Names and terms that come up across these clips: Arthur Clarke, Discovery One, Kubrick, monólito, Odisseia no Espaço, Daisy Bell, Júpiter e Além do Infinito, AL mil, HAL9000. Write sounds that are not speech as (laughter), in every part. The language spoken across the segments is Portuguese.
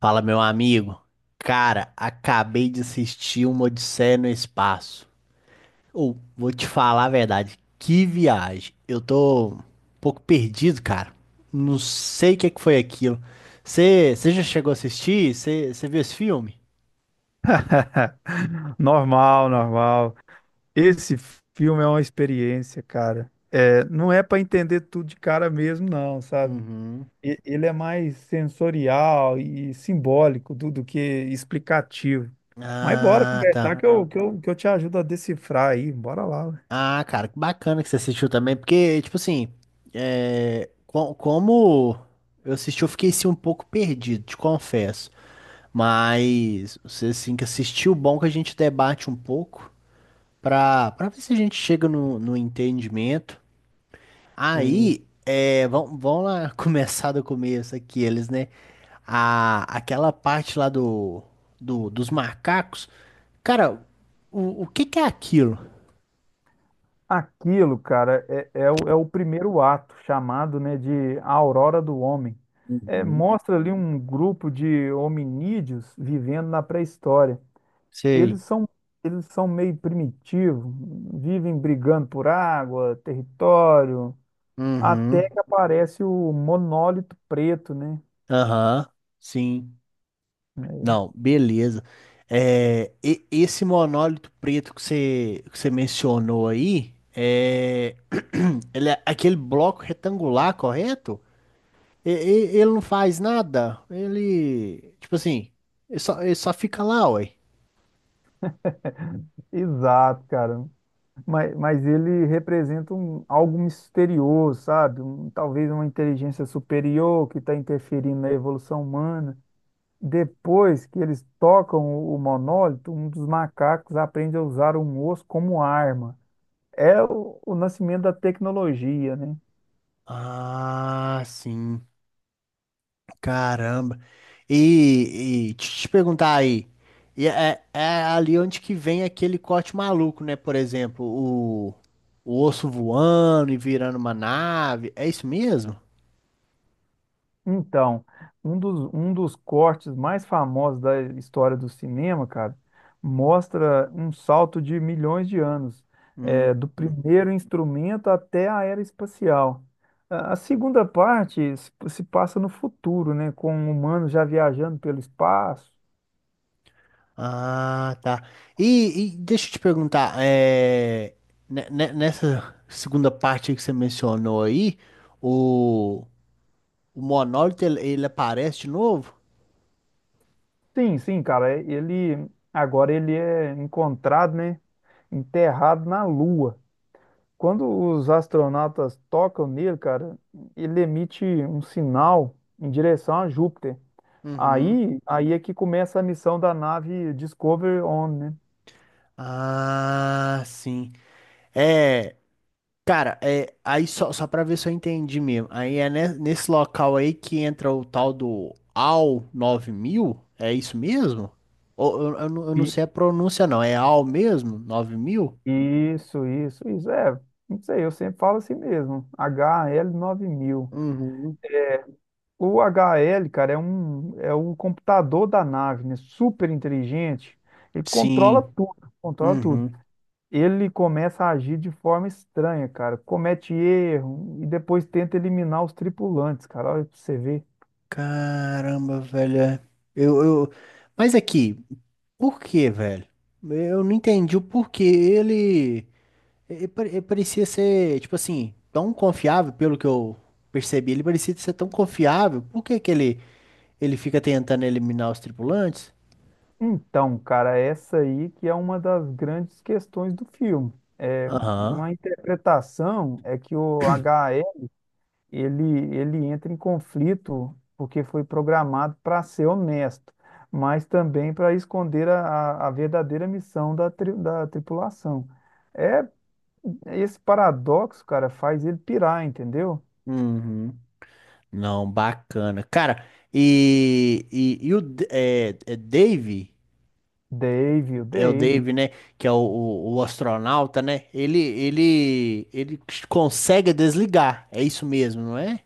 Fala, meu amigo. Cara, acabei de assistir uma Odisseia no Espaço. Ou, vou te falar a verdade, que viagem. Eu tô um pouco perdido, cara. Não sei o que é que foi aquilo. Você já chegou a assistir? Você viu esse filme? (laughs) Normal, normal. Esse filme é uma experiência, cara. É, não é para entender tudo de cara mesmo, não, sabe? Uhum. Ele é mais sensorial e simbólico do que explicativo. Mas bora Ah, tá. conversar que eu, Ah, que eu te ajudo a decifrar aí. Bora lá, ué. Ah, cara, que bacana que você assistiu também, porque, tipo assim, como eu assisti, eu fiquei assim, um pouco perdido, te confesso. Mas você assim que assistiu, bom que a gente debate um pouco pra ver se a gente chega no entendimento. Isso. Aí, vamos lá (laughs) começar do começo aqui, eles, né? Aquela parte lá dos macacos. Cara, o que que é aquilo? Aquilo, cara, é o primeiro ato, chamado, né, de a Aurora do Homem. É, Uhum. mostra ali um grupo de hominídeos vivendo na pré-história. E Sei. eles são, eles são meio primitivos, vivem brigando por água, território, até Uhum. que aparece o monólito preto, né? Aham. Sim. É, Não, beleza. Esse monólito preto que você mencionou aí, (clears throat) ele é aquele bloco retangular, correto? Ele não faz nada. Ele, tipo assim, ele só fica lá, ué. exato, cara. Mas ele representa um, algo misterioso, sabe? Talvez uma inteligência superior que está interferindo na evolução humana. Depois que eles tocam o monólito, um dos macacos aprende a usar um osso como arma. É o nascimento da tecnologia, né? Ah, sim. Caramba. E te perguntar aí, e é ali onde que vem aquele corte maluco, né? Por exemplo, o osso voando e virando uma nave. É isso mesmo? Então, um dos cortes mais famosos da história do cinema, cara, mostra um salto de milhões de anos, Hum. é, do primeiro instrumento até a era espacial. A segunda parte se passa no futuro, né, com humanos já viajando pelo espaço. Ah, tá. E deixa eu te perguntar, nessa segunda parte aí que você mencionou aí, o, o monólito ele aparece de novo? Sim, sim, cara, é, ele agora ele é encontrado, né, enterrado na Lua. Quando os astronautas tocam nele, cara, ele emite um sinal em direção a Júpiter. Uhum. Aí é que começa a missão da nave Discovery On, né? Ah, sim. É. Cara, aí só pra ver se eu entendi mesmo. Aí é nesse local aí que entra o tal do AL mil. É isso mesmo? Ou, eu não E- sei a pronúncia, não. É AL mesmo? 9000? Isso, isso, isso. É, não sei, eu sempre falo assim mesmo. HL9000. Uhum. O HL, cara, é o computador da nave, né? Super inteligente. Ele controla Sim. tudo, controla tudo. Uhum. Ele começa a agir de forma estranha, cara. Comete erro e depois tenta eliminar os tripulantes, cara. Olha pra você ver. Caramba, velho. É. Eu, eu... Mas aqui, por que, velho? Eu não entendi o porquê ele. Ele parecia ser, tipo assim, tão confiável, pelo que eu percebi, ele parecia ser tão confiável. Por que que ele fica tentando eliminar os tripulantes? Então, cara, essa aí que é uma das grandes questões do filme. É, Aham. uma interpretação é que o HE, ele entra em conflito porque foi programado para ser honesto, mas também para esconder a verdadeira missão da, da tripulação. É, esse paradoxo, cara, faz ele pirar, entendeu? Uhum. Não, bacana. Cara, e o é Dave, Dave, o é o Dave. Dave, né? Que é o astronauta, né? Ele consegue desligar. É isso mesmo, não é?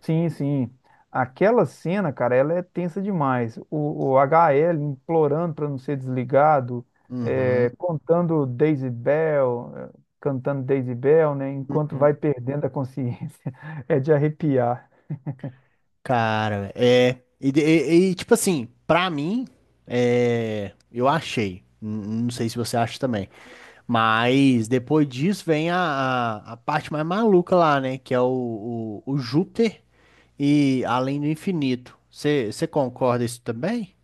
Sim, sim. Aquela cena, cara, ela é tensa demais. O HL implorando para não ser desligado, é, Uhum. contando Daisy Bell, é, cantando Daisy Bell, né? Enquanto vai perdendo a consciência. (laughs) É de arrepiar. Cara, é. E, tipo assim, pra mim, eu achei. Não sei se você acha também. Mas depois disso vem a parte mais maluca lá, né? Que é o Júpiter e Além do Infinito. Você concorda isso também?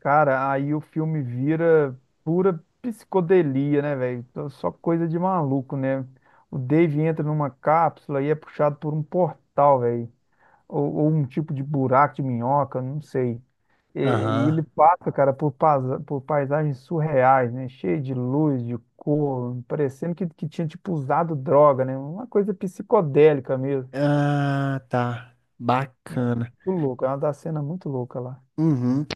Cara, aí o filme vira pura psicodelia, né, velho? Só coisa de maluco, né? O Dave entra numa cápsula e é puxado por um portal, velho. Ou um tipo de buraco de minhoca, não sei. E ele Aham. passa, cara, por, por paisagens surreais, né? Cheio de luz, de cor, parecendo que tinha, tipo, usado droga, né? Uma coisa psicodélica mesmo, Ah, tá. né? Bacana. Muito louco, é uma da cena muito louca lá. Uhum.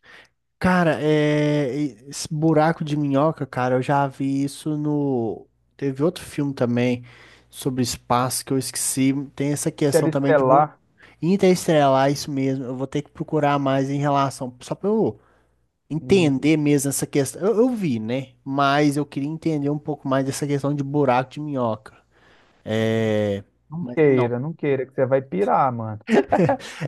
Cara, esse buraco de minhoca, cara, eu já vi isso no. Teve outro filme também sobre espaço que eu esqueci. Tem essa questão também de bu-. Interestelar, Interestelar, isso mesmo. Eu vou ter que procurar mais em relação, só pra eu e entender mesmo essa questão. Eu vi, né? Mas eu queria entender um pouco mais dessa questão de buraco de minhoca. é, Mas não. Não queira, que você vai pirar, mano.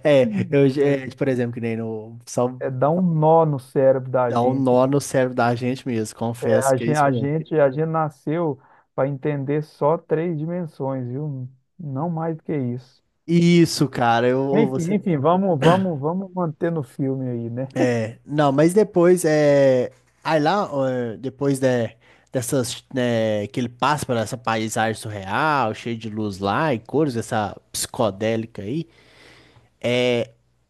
É, eu, é, É, por exemplo, que nem no. Só é dar um nó no cérebro da dá um gente. nó Que no cérebro da gente mesmo, confesso que é isso mesmo. A gente nasceu para entender só três dimensões, viu? Não mais do que isso. Isso, cara, eu ou Enfim, você. enfim, vamos manter no filme aí, né? Não, mas depois é. Aí lá, ó, depois dessas, né, que ele passa por essa paisagem surreal, cheia de luz lá e cores, essa psicodélica aí.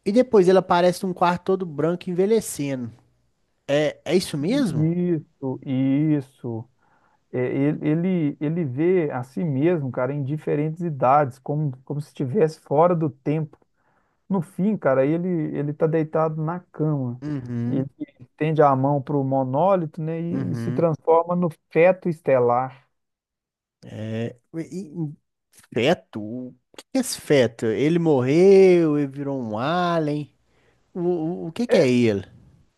E depois ele aparece num quarto todo branco envelhecendo. É isso mesmo? Isso, isso. É, ele vê a si mesmo, cara, em diferentes idades, como, como se estivesse fora do tempo. No fim, cara, ele tá deitado na cama. Uhum, Ele estende a mão para o monólito, né, e se uhum. transforma no feto estelar. É, e- e- feto? O que que é esse feto? Ele morreu, ele virou um alien. O que que é ele?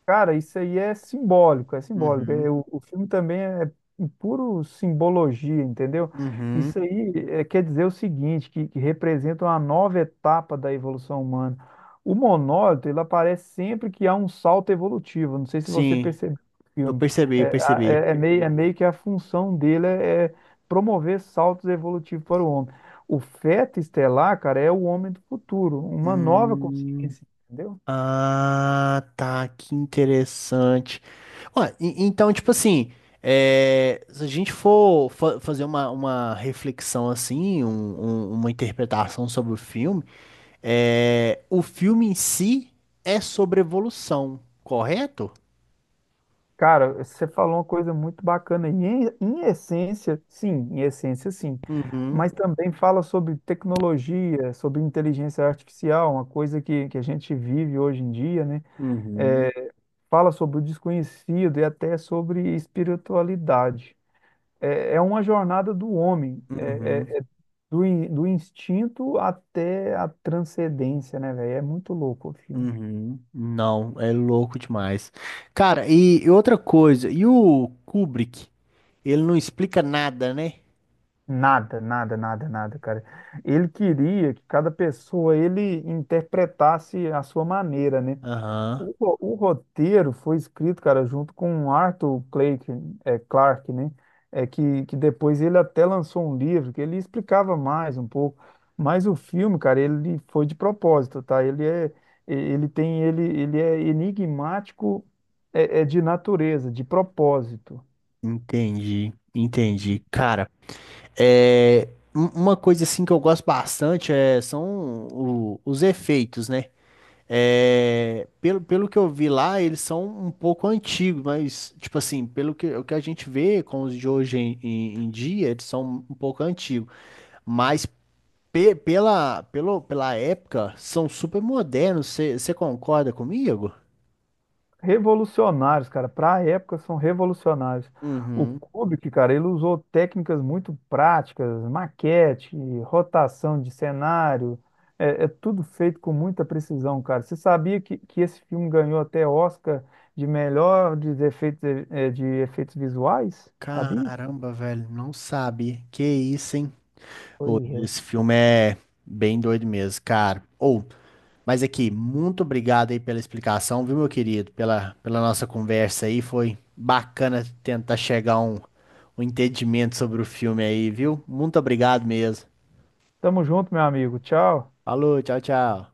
Cara, isso aí é simbólico, é simbólico. É, Uhum, o filme também é em puro simbologia, entendeu? uhum. Isso aí é, quer dizer o seguinte, que representa uma nova etapa da evolução humana. O monólito, ele aparece sempre que há um salto evolutivo. Não sei se você Sim. percebeu no Eu filme. percebi, É, eu percebi. É meio que a função dele é promover saltos evolutivos para o homem. O feto estelar, cara, é o homem do futuro, uma nova Hum, consciência, entendeu? ah, tá, que interessante. Ué, então, tipo assim, se a gente for fazer uma reflexão assim, uma interpretação sobre o filme, o filme em si é sobre evolução, correto? Cara, você falou uma coisa muito bacana. E em essência, sim, em essência, sim. Uhum, Mas também fala sobre tecnologia, sobre inteligência artificial, uma coisa que a gente vive hoje em dia, né? uhum, É, fala sobre o desconhecido e até sobre espiritualidade. É, é uma jornada do homem, uhum, é do instinto até a transcendência, né, velho? É muito louco o filme. uhum. Não, é louco demais. Cara, e outra coisa, e o Kubrick? Ele não explica nada, né? Nada, nada, nada, nada, cara. Ele queria que cada pessoa ele interpretasse a sua maneira, né? Aham, O, o roteiro foi escrito, cara, junto com Arthur Clarke, é, Clarke, né? É que depois ele até lançou um livro que ele explicava mais um pouco. Mas o filme, cara, ele foi de propósito, tá? Ele é, ele tem, ele é enigmático, é, é de natureza, de propósito. entendi, entendi. Cara, é, uma coisa assim que eu gosto bastante são os efeitos, né? Pelo que eu vi lá, eles são um pouco antigos, mas, tipo assim, o que a gente vê com os de hoje em dia, eles são um pouco antigos. Mas pela época, são super modernos. Você concorda comigo? Revolucionários, cara. Para a época, são revolucionários. O Uhum. Kubrick, cara, ele usou técnicas muito práticas, maquete, rotação de cenário. É, é tudo feito com muita precisão, cara. Você sabia que esse filme ganhou até Oscar de melhor de efeitos, de efeitos visuais? Sabia? Caramba, velho, não sabe. Que isso, hein? Ô, Pois é. esse filme é bem doido mesmo, cara. Ou, mas aqui, muito obrigado aí pela explicação, viu, meu querido? Pela nossa conversa aí, foi bacana tentar chegar a um entendimento sobre o filme aí, viu? Muito obrigado mesmo. Tamo junto, meu amigo. Tchau. Falou, tchau, tchau.